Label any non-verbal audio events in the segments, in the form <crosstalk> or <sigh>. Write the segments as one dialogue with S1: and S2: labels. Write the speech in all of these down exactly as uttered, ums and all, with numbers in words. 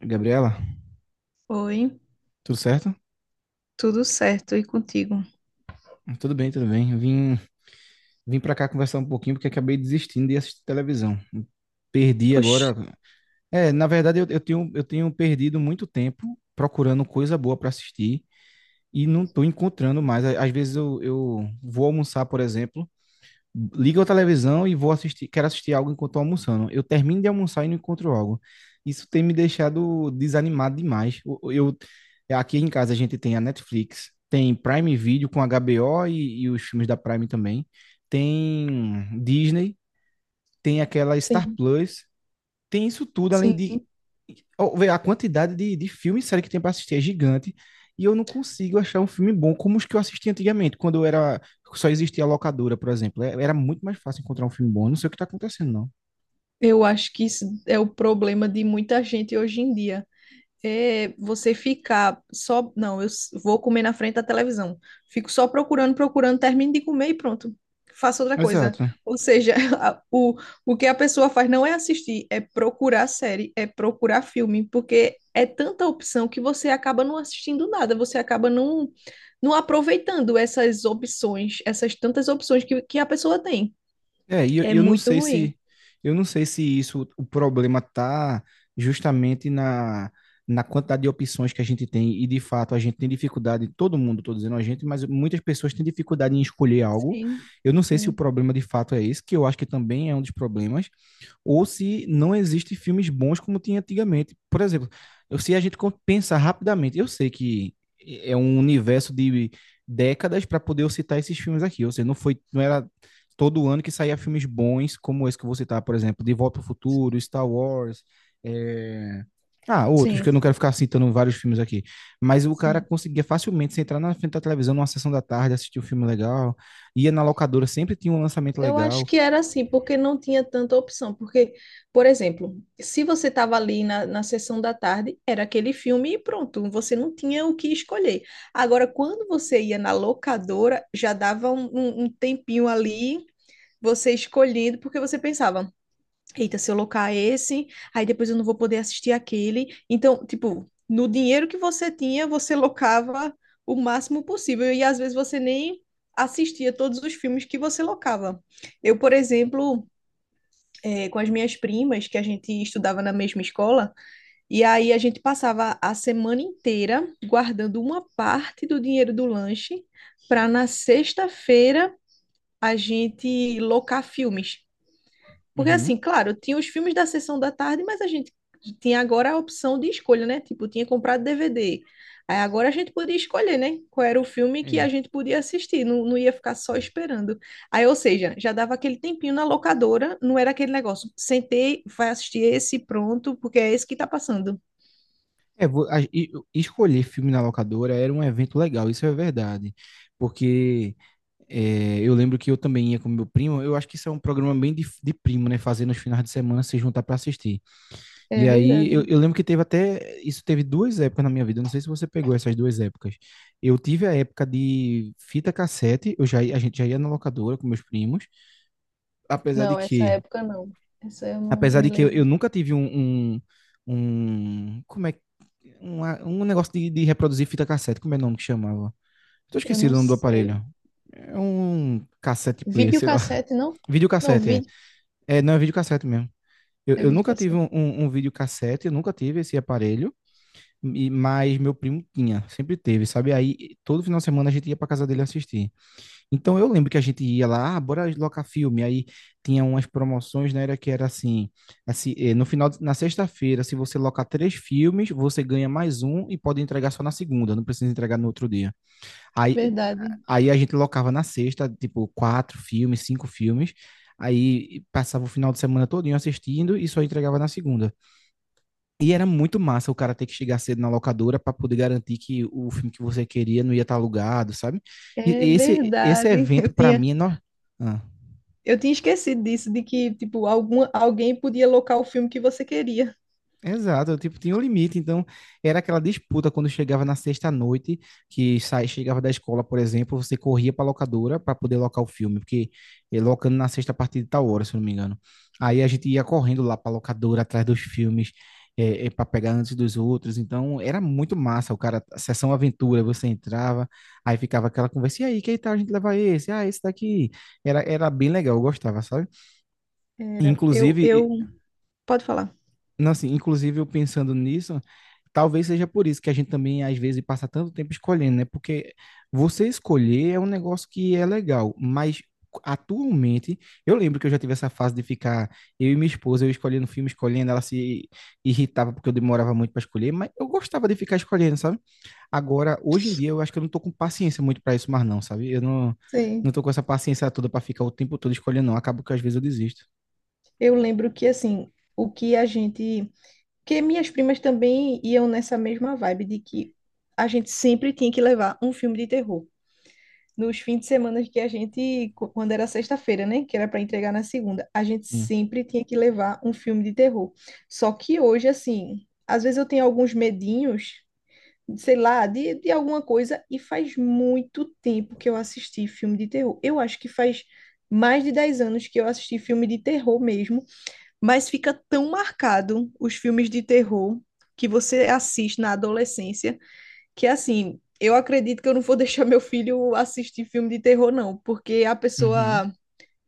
S1: Gabriela,
S2: Oi,
S1: tudo certo?
S2: tudo certo e contigo?
S1: Tudo bem, tudo bem. Vim, vim para cá conversar um pouquinho porque acabei desistindo de assistir televisão. Perdi
S2: Oxe,
S1: agora. É, na verdade, eu, eu tenho, eu tenho perdido muito tempo procurando coisa boa para assistir e não estou encontrando mais. Às vezes eu, eu vou almoçar, por exemplo, ligo a televisão e vou assistir, quero assistir algo enquanto tô almoçando. Eu termino de almoçar e não encontro algo. Isso tem me deixado desanimado demais. Eu, eu- aqui em casa a gente tem a Netflix, tem Prime Video com HBO e, e os filmes da Prime também, tem Disney, tem aquela Star
S2: sim,
S1: Plus, tem isso tudo além de...
S2: sim.
S1: Ó, vê, a quantidade de, de filme e série que tem pra assistir é gigante. E eu não consigo achar um filme bom como os que eu assisti antigamente, quando eu era... Só existia a locadora, por exemplo. É- Era muito mais fácil encontrar um filme bom. Eu não sei o que tá acontecendo, não.
S2: Eu acho que isso é o problema de muita gente hoje em dia. É você ficar só. Não, eu s- vou comer na frente da televisão. Fico só procurando, procurando, termino de comer e pronto. Faço outra coisa.
S1: Exato.
S2: Ou seja, <laughs> a- o, o que a pessoa faz não é assistir, é procurar série, é procurar filme, porque é tanta opção que você acaba não assistindo nada, você acaba não, não aproveitando essas opções, essas tantas opções que, que a pessoa tem.
S1: É, e eu, e
S2: É
S1: eu não
S2: muito
S1: sei
S2: ruim.
S1: se... Eu não sei se isso... O problema tá justamente na... Na quantidade de opções que a gente tem, e de fato a gente tem dificuldade, todo mundo, tô dizendo a gente, mas muitas pessoas têm dificuldade em escolher algo.
S2: Sim,
S1: Eu não sei se o
S2: sim,
S1: problema de fato é esse, que eu acho que também é um dos problemas, ou se não existem filmes bons como tinha antigamente. Por exemplo, eu- se a gente co- pensar rapidamente, eu sei que é um universo de décadas para poder eu citar esses filmes aqui. Ou seja, não foi, não era todo ano que saía filmes bons como esse que eu vou citar, por exemplo, De Volta ao Futuro, Star Wars. é, Ah, outros,
S2: sim,
S1: que eu não quero ficar citando vários filmes aqui. Mas o cara
S2: sim.
S1: conseguia facilmente se entrar na frente da televisão numa sessão da tarde, assistir um filme legal, ia na locadora, sempre tinha um lançamento
S2: Eu acho
S1: legal.
S2: que era assim, porque não tinha tanta opção. Porque, por exemplo, se você estava ali na, na sessão da tarde, era aquele filme e pronto, você não tinha o que escolher. Agora, quando você ia na locadora, já dava um, um- um tempinho ali, você escolhendo, porque você pensava, eita, se eu locar esse, aí depois eu não vou poder assistir aquele. Então, tipo, no dinheiro que você tinha, você locava o máximo possível. E às vezes você nem assistia todos os filmes que você locava. Eu, por exemplo, eh, com as minhas primas, que a gente estudava na mesma escola, e aí a gente passava a semana inteira guardando uma parte do dinheiro do lanche para na sexta-feira a gente locar filmes. Porque
S1: Uhum.
S2: assim, claro, tinha os filmes da sessão da tarde, mas a gente tinha agora a opção de escolha, né? Tipo, tinha comprado D V D. Aí agora a gente podia escolher, né? Qual era o filme que a
S1: É.
S2: gente podia assistir, não, não ia ficar só esperando. Aí, ou seja, já dava aquele tempinho na locadora, não era aquele negócio, sentei, vai assistir esse, pronto, porque é esse que tá passando.
S1: É, vo- a- e- escolher filme na locadora era um evento legal, isso é verdade. Porque é, eu lembro que eu também ia com meu primo, eu acho que isso é um programa bem de, de primo, né? Fazer nos finais de semana se juntar para assistir.
S2: É
S1: E aí
S2: verdade.
S1: eu, eu lembro que teve até... Isso teve duas épocas na minha vida, eu não sei se você pegou essas duas épocas. Eu tive a época de fita cassete, eu já, ia- a gente já ia na locadora com meus primos, apesar de
S2: Não, essa
S1: que...
S2: época não. Essa eu não
S1: Apesar
S2: me
S1: de que eu, eu
S2: lembro.
S1: nunca tive um, um, um- Como é. que- uma- um negócio de, de reproduzir fita cassete. Como é o nome que chamava? Tô
S2: Eu
S1: esquecido
S2: não
S1: o nome do aparelho.
S2: sei.
S1: É um cassete player, sei lá. <laughs>
S2: Videocassete, não? Não,
S1: Videocassete, é.
S2: vídeo.
S1: É, não, é videocassete mesmo. Eu,
S2: É
S1: eu nunca tive
S2: videocassete.
S1: um, um, um videocassete, eu nunca tive esse aparelho, e- mas meu primo tinha, sempre teve, sabe? Aí todo final de semana a gente ia pra casa dele assistir. Então eu lembro que a gente ia lá, ah, bora locar filme. Aí tinha umas promoções, né? Era que era assim, assim, eh, no final, de- na sexta-feira, se você locar três filmes, você ganha mais um e pode entregar só na segunda, não precisa entregar no outro dia. Aí,
S2: Verdade.
S1: aí a gente locava na sexta, tipo, quatro filmes, cinco filmes. Aí passava o final de semana todinho assistindo e só entregava na segunda. E era muito massa o cara ter que chegar cedo na locadora para poder garantir que o filme que você queria não ia estar alugado, sabe? E
S2: É
S1: esse, esse
S2: verdade. <laughs>
S1: evento,
S2: Eu
S1: para
S2: tinha,
S1: mim, é... No... Ah.
S2: eu tinha esquecido disso, de que, tipo, alguma, alguém podia locar o filme que você queria.
S1: Exato, eu, tipo, tinha um limite, então era aquela disputa quando chegava na sexta-noite, que sai, chegava da escola, por exemplo, você corria para locadora para poder locar o filme, porque eh, locando na sexta a partir de tal hora, se eu não me engano. Aí a gente ia correndo lá para locadora atrás dos filmes, para pegar antes dos outros, então era muito massa, o cara, a sessão aventura, você entrava, aí ficava aquela conversa, e aí, que tal a gente levar esse? Ah, esse daqui. Era, era bem legal, eu gostava, sabe?
S2: Era, eu,
S1: Inclusive,
S2: eu, pode falar.
S1: não, assim, inclusive, eu pensando nisso, talvez seja por isso que a gente também, às vezes, passa tanto tempo escolhendo, né? Porque você escolher é um negócio que é legal, mas atualmente, eu lembro que eu já tive essa fase de ficar eu e minha esposa, eu escolhendo filme, escolhendo, ela se irritava porque eu demorava muito para escolher, mas eu gostava de ficar escolhendo, sabe? Agora, hoje em dia, eu acho que eu não tô com paciência muito para isso mais não, sabe? Eu não
S2: Sim.
S1: não tô com essa paciência toda para ficar o tempo todo escolhendo, não. Acabo que às vezes eu desisto.
S2: Eu lembro que, assim, o que a gente porque minhas primas também iam nessa mesma vibe de que a gente sempre tinha que levar um filme de terror. Nos fins de semana que a gente, qu- quando era sexta-feira, né, que era para entregar na segunda, a gente
S1: Sim.
S2: sempre tinha que levar um filme de terror. Só que hoje, assim, às vezes eu tenho alguns medinhos, sei lá, de, de alguma coisa, e faz muito tempo que eu assisti filme de terror. Eu acho que faz mais de dez anos que eu assisti filme de terror mesmo, mas fica tão marcado os filmes de terror que você assiste na adolescência, que assim, eu acredito que eu não vou <laughs> deixar meu filho assistir filme de terror, não, porque a
S1: Uhum,
S2: pessoa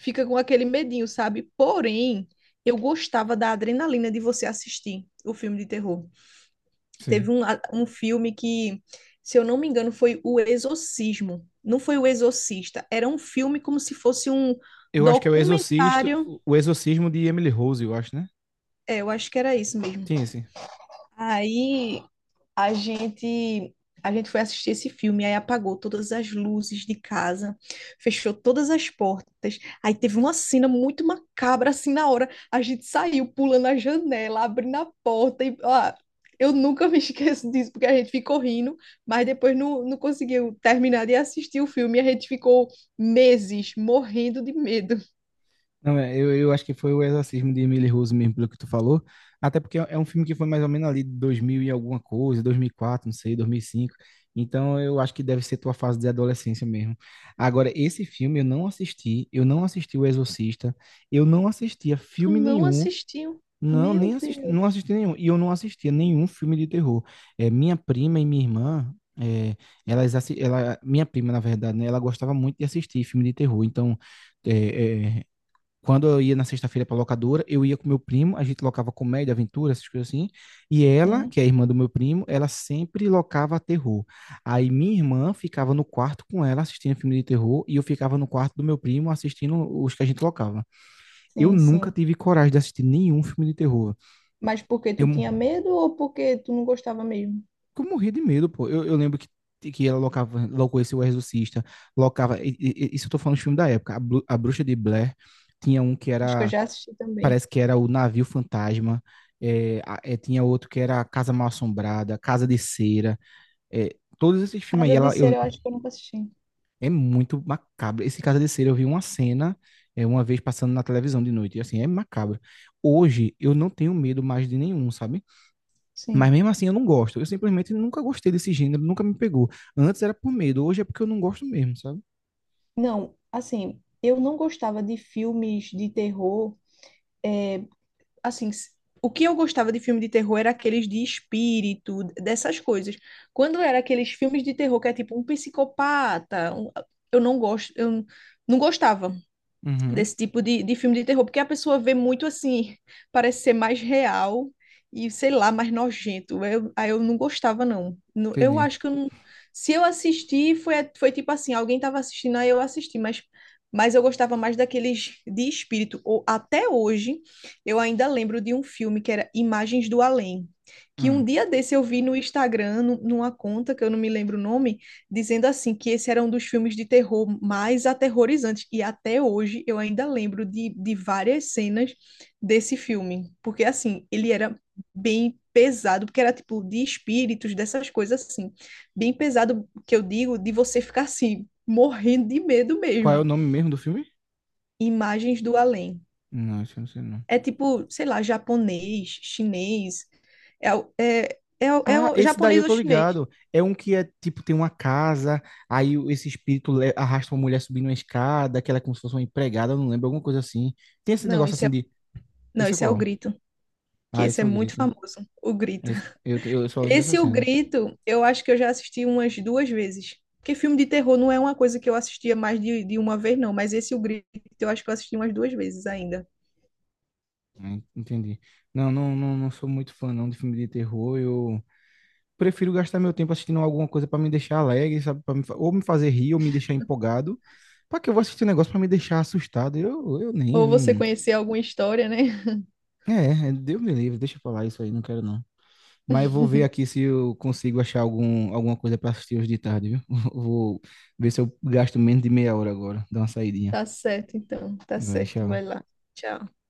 S2: fica com aquele medinho, sabe? Porém, eu gostava da adrenalina de você assistir o filme de terror.
S1: sei.
S2: Teve um, a- um filme que, se eu não me engano, foi O Exorcismo. Não foi O Exorcista, era um filme como se fosse um
S1: Eu acho que é o Exorcisto,
S2: documentário.
S1: o Exorcismo de Emily Rose, eu acho, né?
S2: É, eu acho que era isso mesmo.
S1: Tem esse.
S2: Aí A gente, a gente foi assistir esse filme, aí apagou todas as luzes de casa, fechou todas as portas. Aí teve uma cena muito macabra assim na hora. A gente saiu pulando a janela, abrindo a porta e ó, eu nunca me <laughs> esqueço disso porque a gente ficou rindo, mas depois não, não conseguiu terminar de assistir o filme e a gente ficou meses morrendo de medo.
S1: Não, é, eu, eu acho que foi o Exorcismo de Emily Rose mesmo, pelo que tu falou. Até porque é um filme que foi mais ou menos ali de dois mil e alguma coisa, dois mil e quatro, não sei, dois mil e cinco. Então eu acho que deve ser tua fase de adolescência mesmo. Agora, esse filme eu não assisti, eu não assisti O Exorcista, eu não assistia
S2: Tu
S1: filme
S2: não
S1: nenhum.
S2: assistiu?
S1: Não, nem
S2: Meu
S1: assisti,
S2: Deus.
S1: não assisti nenhum. E eu não assistia nenhum filme de terror. É, minha prima e minha irmã, é, elas, assi- ela, minha prima, na verdade, né, ela gostava muito de assistir filme de terror. Então, é, é, quando eu ia na sexta-feira para locadora, eu ia com meu primo, a gente locava comédia, aventura, essas coisas assim. E ela,
S2: Sim,
S1: que é a irmã do meu primo, ela sempre locava terror. Aí minha irmã ficava no quarto com ela assistindo filme de terror e eu ficava no quarto do meu primo assistindo os que a gente locava. Eu
S2: sim,
S1: nunca
S2: sim.
S1: tive coragem de assistir nenhum filme de terror,
S2: Mas porque
S1: eu,
S2: tu
S1: mo-
S2: tinha medo ou porque tu não gostava mesmo?
S1: eu morria de medo, pô. Eu, eu lembro que, que ela locava, locou esse O Exorcista, locava. e- e- Isso eu tô falando de filme da época. A, Bru- a Bruxa de Blair, tinha um que
S2: Acho que eu
S1: era...
S2: já assisti também.
S1: Parece que era o Navio Fantasma. É, a- é, tinha outro que era a Casa Mal Assombrada, Casa de Cera. É, todos esses filmes aí,
S2: Casa de
S1: ela, eu-
S2: Cera, eu acho que eu nunca assisti.
S1: é muito macabro. Esse Casa de Cera, eu vi uma cena é, uma vez passando na televisão de noite. E assim, é macabro. Hoje, eu não tenho medo mais de nenhum, sabe? Mas
S2: Sim.
S1: mesmo assim eu não gosto. Eu simplesmente nunca gostei desse gênero, nunca me pegou. Antes era por medo, hoje é porque eu não gosto mesmo, sabe?
S2: Não, assim, eu não gostava de filmes de terror. Assim, s- o que eu gostava de filme de terror era aqueles de espírito, dessas coisas. Quando era aqueles filmes de terror que é tipo um psicopata, um- eu não gosto, eu não gostava
S1: Uhum.
S2: desse tipo de, de filme de terror, porque a pessoa vê muito assim, parece ser mais real e, sei lá, mais nojento. Eu, aí eu não gostava, não. Nu- Eu
S1: Entendi.
S2: acho que eu não... Se eu assisti, foi, foi tipo assim, alguém estava assistindo, aí eu assisti, mas, mas eu gostava mais daqueles de espírito. Ou, até hoje, eu ainda lembro de um filme que era Imagens do Além, que um
S1: Hum.
S2: dia desse eu vi no Instagram, nu- numa conta, que eu não me lembro o nome, dizendo assim que esse era um dos filmes de terror mais aterrorizantes. E até hoje eu ainda lembro de, de várias cenas desse filme. Porque assim, ele era bem pesado, porque era tipo de espíritos, dessas coisas assim. Bem pesado, que eu digo, de você ficar assim, morrendo de medo
S1: Qual é o
S2: mesmo.
S1: nome mesmo do filme?
S2: Imagens do além.
S1: Não, acho que não sei não.
S2: É tipo, sei lá, japonês, chinês. É, o- é, é, o- é
S1: Ah,
S2: o
S1: esse daí eu
S2: japonês ou
S1: tô
S2: chinês?
S1: ligado. É um que é tipo, tem uma casa, aí o- esse espírito le- arrasta uma mulher subindo uma escada, que ela é como se fosse uma empregada, eu não lembro, alguma coisa assim. Tem esse
S2: Não,
S1: negócio
S2: isso
S1: assim
S2: é,
S1: de...
S2: não,
S1: Esse é
S2: isso é o
S1: qual?
S2: grito, que
S1: Ah,
S2: esse
S1: esse
S2: é
S1: é o
S2: muito
S1: grito, né?
S2: famoso, o grito.
S1: Esse- eu, eu só lembro dessa
S2: Esse O
S1: cena.
S2: Grito, eu acho que eu já assisti umas duas vezes. Porque filme de terror não é uma coisa que eu assistia mais de, de uma vez, não. Mas esse O Grito, eu acho que eu assisti umas duas vezes ainda.
S1: Ah, en- Entendi. Não, não, não, não sou muito fã não de filme de terror. Eu, prefiro gastar meu tempo assistindo alguma coisa para me deixar alegre, sabe? Pra me fa- ou me fazer rir, ou me deixar empolgado. Para que eu vou assistir um negócio para me deixar assustado? Eu, eu nem. Eu
S2: Ou você
S1: não...
S2: conhecer alguma história, né? <laughs>
S1: É, é, Deus me livre, deixa eu falar isso aí, não quero não. Mas eu vou ver aqui se eu consigo achar algum, alguma coisa para assistir hoje de tarde, viu? <laughs> Vou ver se eu gasto menos de meia hora agora, dá uma saidinha.
S2: Tá certo, então. Tá
S1: Vai,
S2: certo.
S1: tchau.
S2: Vai lá. Tchau.